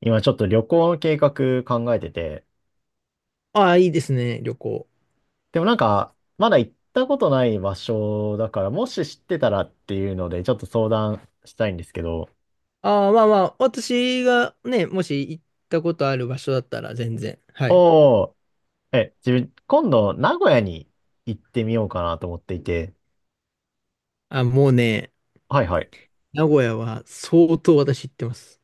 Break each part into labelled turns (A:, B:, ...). A: 今ちょっと旅行の計画考えてて、
B: ああ、いいですね、旅行。
A: でもなんか、まだ行ったことない場所だから、もし知ってたらっていうので、ちょっと相談したいんですけど、
B: ああ、まあまあ、私がね、もし行ったことある場所だったら全然。はい。
A: おー、え、自分、今度、名古屋に行ってみようかなと思っていて、
B: あ、もうね、
A: はいはい。
B: 名古屋は相当私行ってます。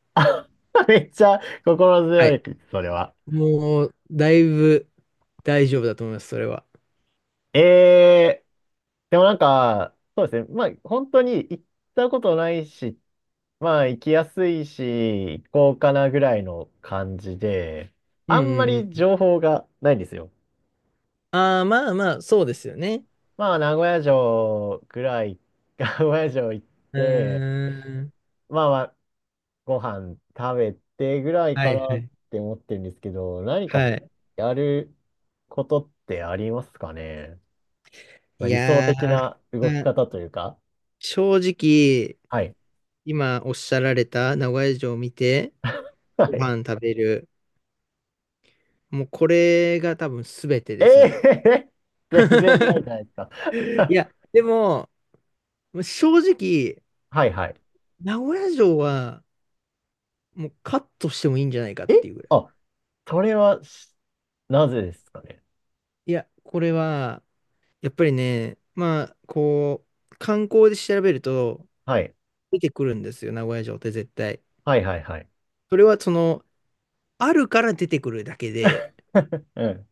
A: めっちゃ心
B: は
A: 強い、
B: い。
A: それは。
B: もう、だいぶ大丈夫だと思います、それは。
A: えー、でもなんか、そうですね。まあ、本当に行ったことないし、まあ、行きやすいし、行こうかなぐらいの感じで、
B: うん
A: あんま
B: うん
A: り
B: うん。
A: 情報がないんですよ。
B: ああ、まあまあ、そうですよね。
A: まあ、名古屋城ぐらい、名古屋城行っ
B: う
A: て、
B: ーん。
A: まあまあ、ご飯食べてぐらい
B: は
A: か
B: いは
A: なっ
B: い。
A: て思ってるんですけど、何か
B: はい。
A: やることってありますかね。まあ、
B: い
A: 理想
B: や
A: 的な動き
B: ー、まあ
A: 方というか。
B: 正直、
A: はい。
B: 今おっしゃられた名古屋城を見て、
A: は
B: ご
A: い。
B: 飯食べる。もうこれが多分全て
A: え
B: ですね。
A: えー 全然ないじ ゃないですか。
B: い や、でも、正直、
A: はいはい。
B: 名古屋城はもうカットしてもいいんじゃないかって
A: え
B: いうぐらい。
A: あ、それは、なぜですかね。
B: いや、これは、やっぱりね、まあ、こう、観光で調べると
A: はい。
B: 出てくるんですよ、名古屋城って絶対。
A: はいはいはい。
B: それはその、あるから出てくるだけで、
A: うん。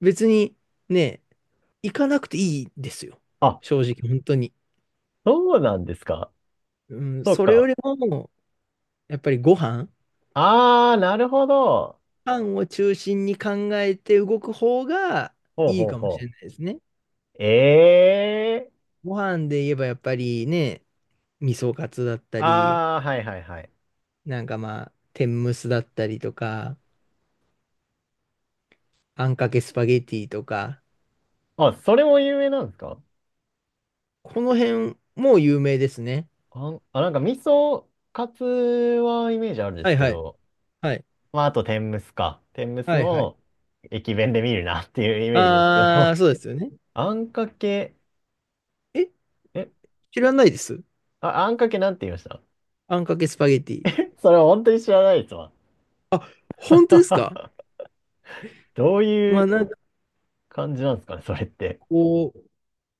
B: 別にね、行かなくていいですよ。
A: あ、
B: 正直、本当に。
A: そうなんですか。
B: うん、
A: そう
B: それよ
A: か。
B: りも、やっぱりご飯
A: あー、なるほど。
B: パンを中心に考えて動く方が
A: ほう
B: いい
A: ほう
B: かもしれ
A: ほ
B: ないですね。
A: う。ええー
B: ご飯で言えばやっぱりね、味噌カツだったり、
A: あー、はいはいはい。
B: なんかまあ、天むすだったりとか、あんかけスパゲティとか、
A: あ、それも有名なんですか？
B: この辺も有名ですね。
A: なんか味噌カツはイメージあるんで
B: は
A: す
B: い
A: け
B: はい。
A: ど、
B: はい。
A: まあ、あと天むすか。天むす
B: はいはい。
A: も駅弁で見るなっていうイメージですけ
B: あ
A: ど。
B: ー、そうですよね。
A: あんかけ、
B: え、
A: え、
B: 知らないです。
A: あ、あんかけなんて言いました？
B: あんかけスパゲティ。
A: それは本当に知らないですわ。
B: あ、本当ですか？
A: どうい
B: まあ
A: う
B: なんか
A: 感じなんですかね、それって。
B: こう、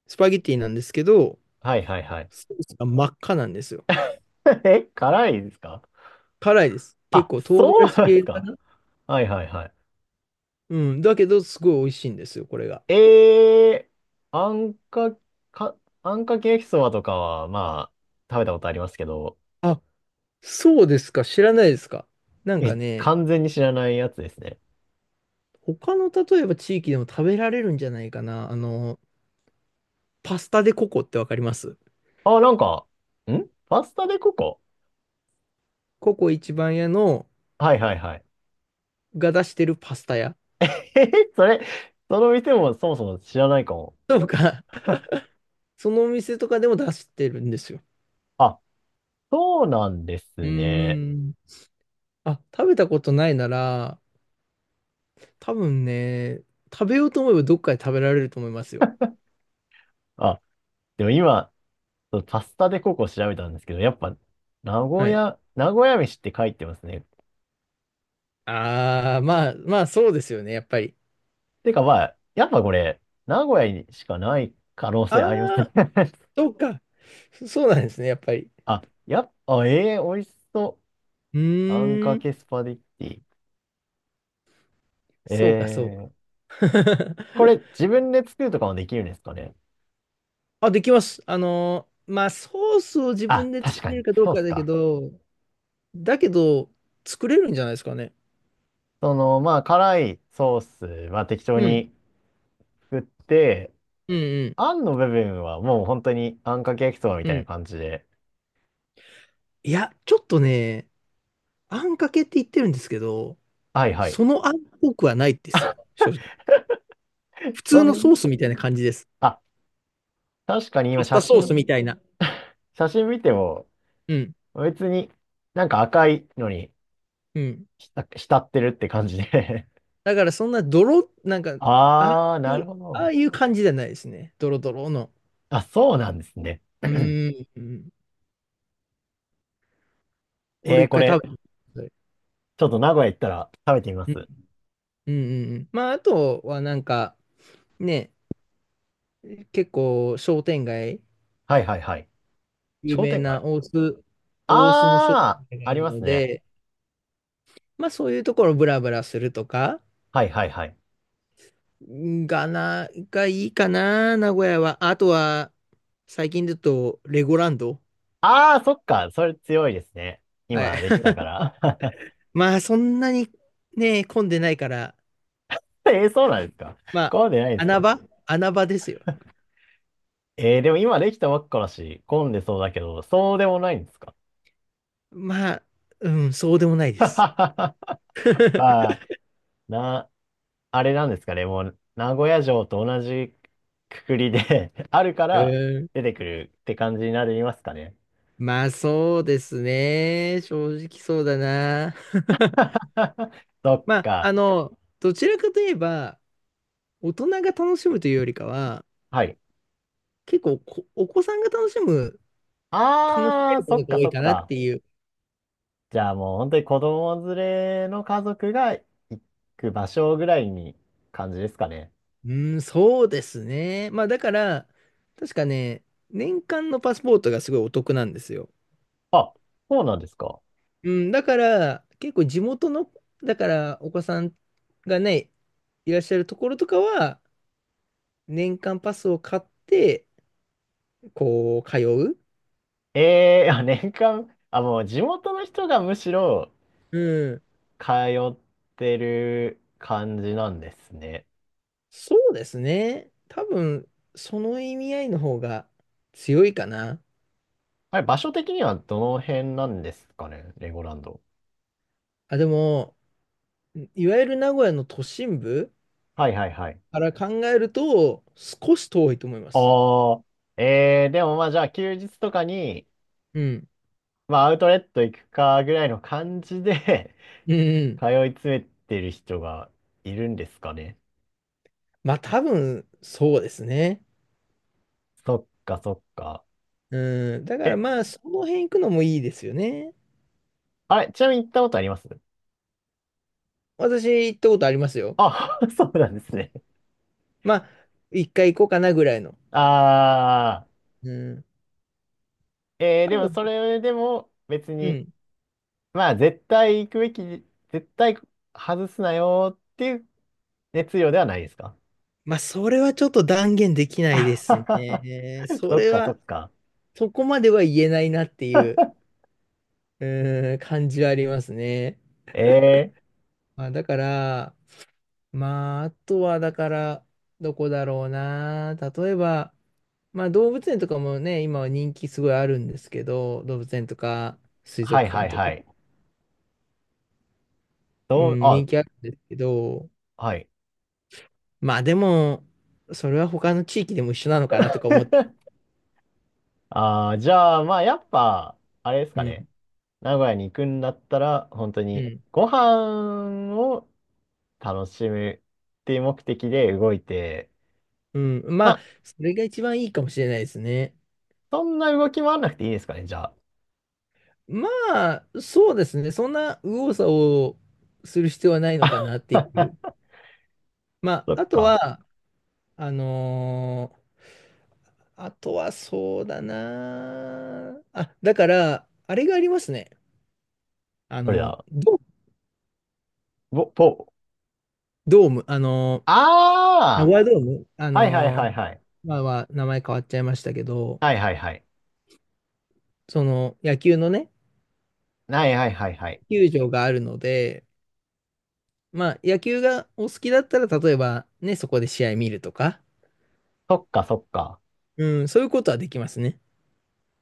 B: スパゲティなんですけど、
A: はいはいはい。
B: ソースが真っ赤なんですよ。
A: 辛いですか？
B: 辛いです。結
A: あ、
B: 構唐
A: そう
B: 辛子
A: なんです
B: 系か
A: か？
B: な？
A: はいはいはい。
B: うん。だけど、すごい美味しいんですよ、これが。
A: えー、あんか、か、あんかけ焼きそばとかは、まあ、食べたことありますけど、
B: あ、そうですか。知らないですか。なんかね、
A: 完全に知らないやつですね。
B: 他の例えば地域でも食べられるんじゃないかな。あの、パスタでココってわかります？
A: あ、なんか、パスタでココ。
B: ココ一番屋の
A: はいはいはい。
B: が出してるパスタ屋
A: え、それ、その店もそもそも知らないかも。
B: とか、そのお店とかでも出してるんですよ。
A: あ、そうなんで
B: う
A: すね。
B: ーん。あ、食べたことないなら、多分ね、食べようと思えばどっかで食べられると思いますよ。
A: あ、でも今、そうパスタでココ調べたんですけど、やっぱ、
B: はい。
A: 名古屋飯って書いてますね。
B: ああ、まあ、まあそうですよね、やっぱり。
A: てかまあ、やっぱこれ、名古屋にしかない可能性あります
B: あ
A: ね。
B: あ、そうか。そうなんですね、やっぱり。
A: あ、やっぱ、ええー、美味しそ
B: う
A: う。あん
B: ー
A: か
B: ん、
A: けスパゲッティ。え
B: そうか、そう
A: え
B: か。
A: ー、これ自分で作るとかもできるんですかね。
B: あ、できます。まあ、ソースを自
A: あ、
B: 分で
A: 確
B: 作
A: か
B: れる
A: に。
B: かどう
A: そうっ
B: か
A: す
B: だけ
A: か。
B: ど、だけど、作れるんじゃないですかね。
A: まあ、辛いソースは適当
B: うん、
A: に作って、
B: うん、
A: あんの部分はもう本当にあんかけ焼きそばみ
B: うん、
A: た
B: う
A: いな
B: ん。
A: 感じで。
B: いや、ちょっとね、あんかけって言ってるんですけど、
A: はいはい。
B: そのあんっぽくはないですよ、正直。普
A: そ
B: 通の
A: ん、
B: ソースみたいな感じです。
A: あ、確かに
B: パ
A: 今
B: スタソースみたいな。
A: 写真見ても
B: うん、
A: 別になんか赤いのに
B: うん。
A: 浸浸ってるって感じで
B: だからそんな泥、なん か、ああ
A: あー、
B: い
A: なる
B: う、
A: ほ
B: あ
A: ど。
B: あいう感じじゃないですね。ドロドロの。
A: あ、そうなんですね。
B: う ーん。うんこ
A: え
B: れ
A: ー、
B: 一
A: こ
B: 回食べ
A: れ、
B: てみてください。
A: ちょっと名古屋行ったら食べてみま
B: うん
A: す。
B: うんうんうん。まあ、あとはなんか、ね、結構商店街、
A: はいはいはい。
B: 有
A: 商
B: 名
A: 店街。
B: な大須、大須の商店
A: あ
B: 街
A: ー、
B: が
A: あ
B: あ
A: り
B: る
A: ます
B: の
A: ね。
B: で、まあそういうところブラブラするとか、
A: はいはいはい。
B: がいいかな、名古屋は。あとは、最近だと、レゴランド。
A: あー、そっか。それ強いですね。
B: はい。
A: 今できたか ら。
B: まあそんなにね、混んでないから、
A: そうなんですか？
B: まあ、
A: 混んでないんです
B: 穴
A: か？
B: 場穴場ですよ。
A: でも今できたばっかだし、混んでそうだけど、そうでもないんですか？
B: まあ、うん、そうでもないです。
A: ま あ、な、あれなんですかね、もう、名古屋城と同じくくりで あるか
B: う
A: ら
B: ん。
A: 出てくるって感じになりますかね。
B: まあ、そうですね。正直そうだな。
A: そっ
B: まあ、
A: か。
B: あの、どちらかといえば、大人が楽しむというよりかは、
A: はい。
B: 結構お子さんが楽しむ、楽しめ
A: あ
B: る
A: ー、
B: も
A: そ
B: の
A: っ
B: が
A: か
B: 多
A: そ
B: い
A: っ
B: かなっ
A: か。
B: ていう。
A: じゃあもう本当に子供連れの家族が行く場所ぐらいに感じですかね。
B: うん、そうですね。まあ、だから、確かね、年間のパスポートがすごいお得なんですよ。
A: あ、そうなんですか。
B: うん、だから、結構地元の、だから、お子さんがね、いらっしゃるところとかは、年間パスを買って、こう、通う。
A: ええーあ、年間、あ、もう地元の人がむしろ
B: うん。
A: 通ってる感じなんですね。
B: そうですね。多分、その意味合いの方が強いかな。
A: あれ、場所的にはどの辺なんですかね、レゴランド。
B: あ、でも、いわゆる名古屋の都心部
A: はいはいはい。
B: から考えると、少し遠いと思います。
A: ああ、ええでもまあじゃあ休日とかに、
B: うん。
A: まあアウトレット行くかぐらいの感じで
B: うんう ん。
A: 通い詰めてる人がいるんですかね。
B: まあ、多分、そうですね。
A: そっかそっか。
B: うん。だからま
A: え、
B: あ、その辺行くのもいいですよね。
A: あれ、ちなみに行ったことあります？
B: 私行ったことありますよ。
A: あ、そうなんですね。
B: まあ、一回行こうかなぐらいの。
A: ああ。
B: うん。多
A: でも
B: 分、
A: それでも別
B: う
A: に、
B: ん。
A: まあ絶対行くべき、絶対外すなよっていう熱量ではないですか？
B: まあ、それはちょっと断言できないですね。そ
A: そっ
B: れ
A: かそ
B: は、
A: っか。
B: そこまでは言えないなっていう、うん、感じはありますね。
A: えー、
B: まあ、だから、まあ、あとは、だから、どこだろうな。例えば、まあ、動物園とかもね、今は人気すごいあるんですけど、動物園とか、水
A: はい
B: 族
A: は
B: 館
A: い
B: と
A: はい。
B: か、う
A: どう、
B: ん、
A: あ、
B: 人気あるんですけど、
A: はい。
B: まあでも、それは他の地域でも一緒なのかなとか思って、
A: あーじゃあ、まあやっぱ、あれです
B: う
A: かね。
B: ん、
A: 名古屋に行くんだったら、本当
B: う
A: に
B: ん、
A: ご飯を楽しむっていう目的で動いて、
B: うん。ま
A: ま
B: あ、
A: あ
B: それが一番いいかもしれないですね。
A: そんな動き回らなくていいですかね、じゃ
B: まあ、そうですね。そんな右往左往する必要はないの
A: あ。
B: かなっていう。ま
A: そ
B: あ、
A: っ
B: あと
A: か。
B: は、あのーあとはそうだなあ。あ、だから、あれがありますね。あ
A: それ
B: の、
A: だ
B: ド、
A: ぼ、ぼ、
B: ドーム、あの、名
A: あ
B: 古屋ドーム、あ
A: あはいはいは
B: の、
A: いはい。
B: まあまあ、名前変わっちゃいましたけど、
A: はいはいはい。
B: その野球のね、
A: はいはいはいはい。
B: 球場があるので、まあ、野球がお好きだったら、例えばね、そこで試合見るとか、
A: そっかそっか。
B: うん、そういうことはできますね。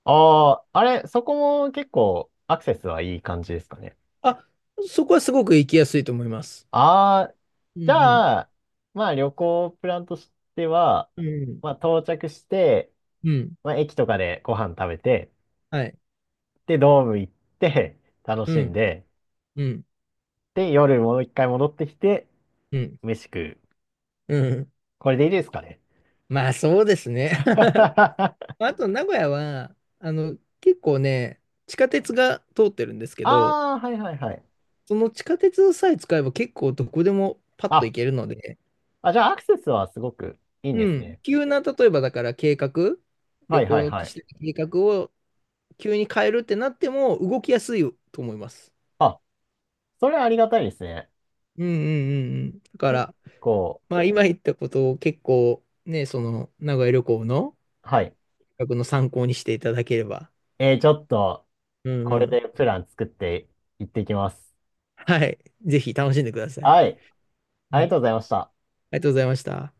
A: ああ、あれ、そこも結構アクセスはいい感じですかね。
B: あ、そこはすごく行きやすいと思います。
A: ああ、
B: う
A: じ
B: ん
A: ゃあ、まあ旅行プランとしては、
B: うん。うん。
A: まあ到着して、
B: うん。
A: まあ駅とかでご飯食べて、
B: はい。
A: で、ドーム行って、楽
B: う
A: しん
B: ん。
A: で、
B: うん。
A: で、夜もう一回戻ってきて、
B: うん。
A: 飯食う。
B: うん。
A: これでいいですかね。
B: まあ、そうですね。
A: あ
B: あと、名古屋は、あの、結構ね、地下鉄が通ってるんですけど、
A: あ、はいはいはい。
B: その地下鉄さえ使えば結構どこでもパッと
A: あ、
B: 行けるので、
A: あ、じゃあアクセスはすごくいいんで
B: う
A: す
B: ん。
A: ね。
B: 急な、例えばだから計画、
A: は
B: 旅
A: いは
B: 行
A: い
B: の
A: は
B: し
A: い。
B: てた計画を急に変えるってなっても動きやすいと思います。
A: あ、それはありがたいですね。
B: うんうんうんうん。だか
A: 結
B: ら、
A: 構、
B: まあ今言ったことを結構ね、その名古屋旅行の
A: はい。
B: 企画の参考にしていただければ。
A: ちょっと、
B: うんう
A: これ
B: ん。
A: でプラン作っていってきます。
B: はい。ぜひ楽しんでください。
A: はい。あ
B: は
A: りが
B: い。あ
A: と
B: り
A: うございました。
B: がとうございました。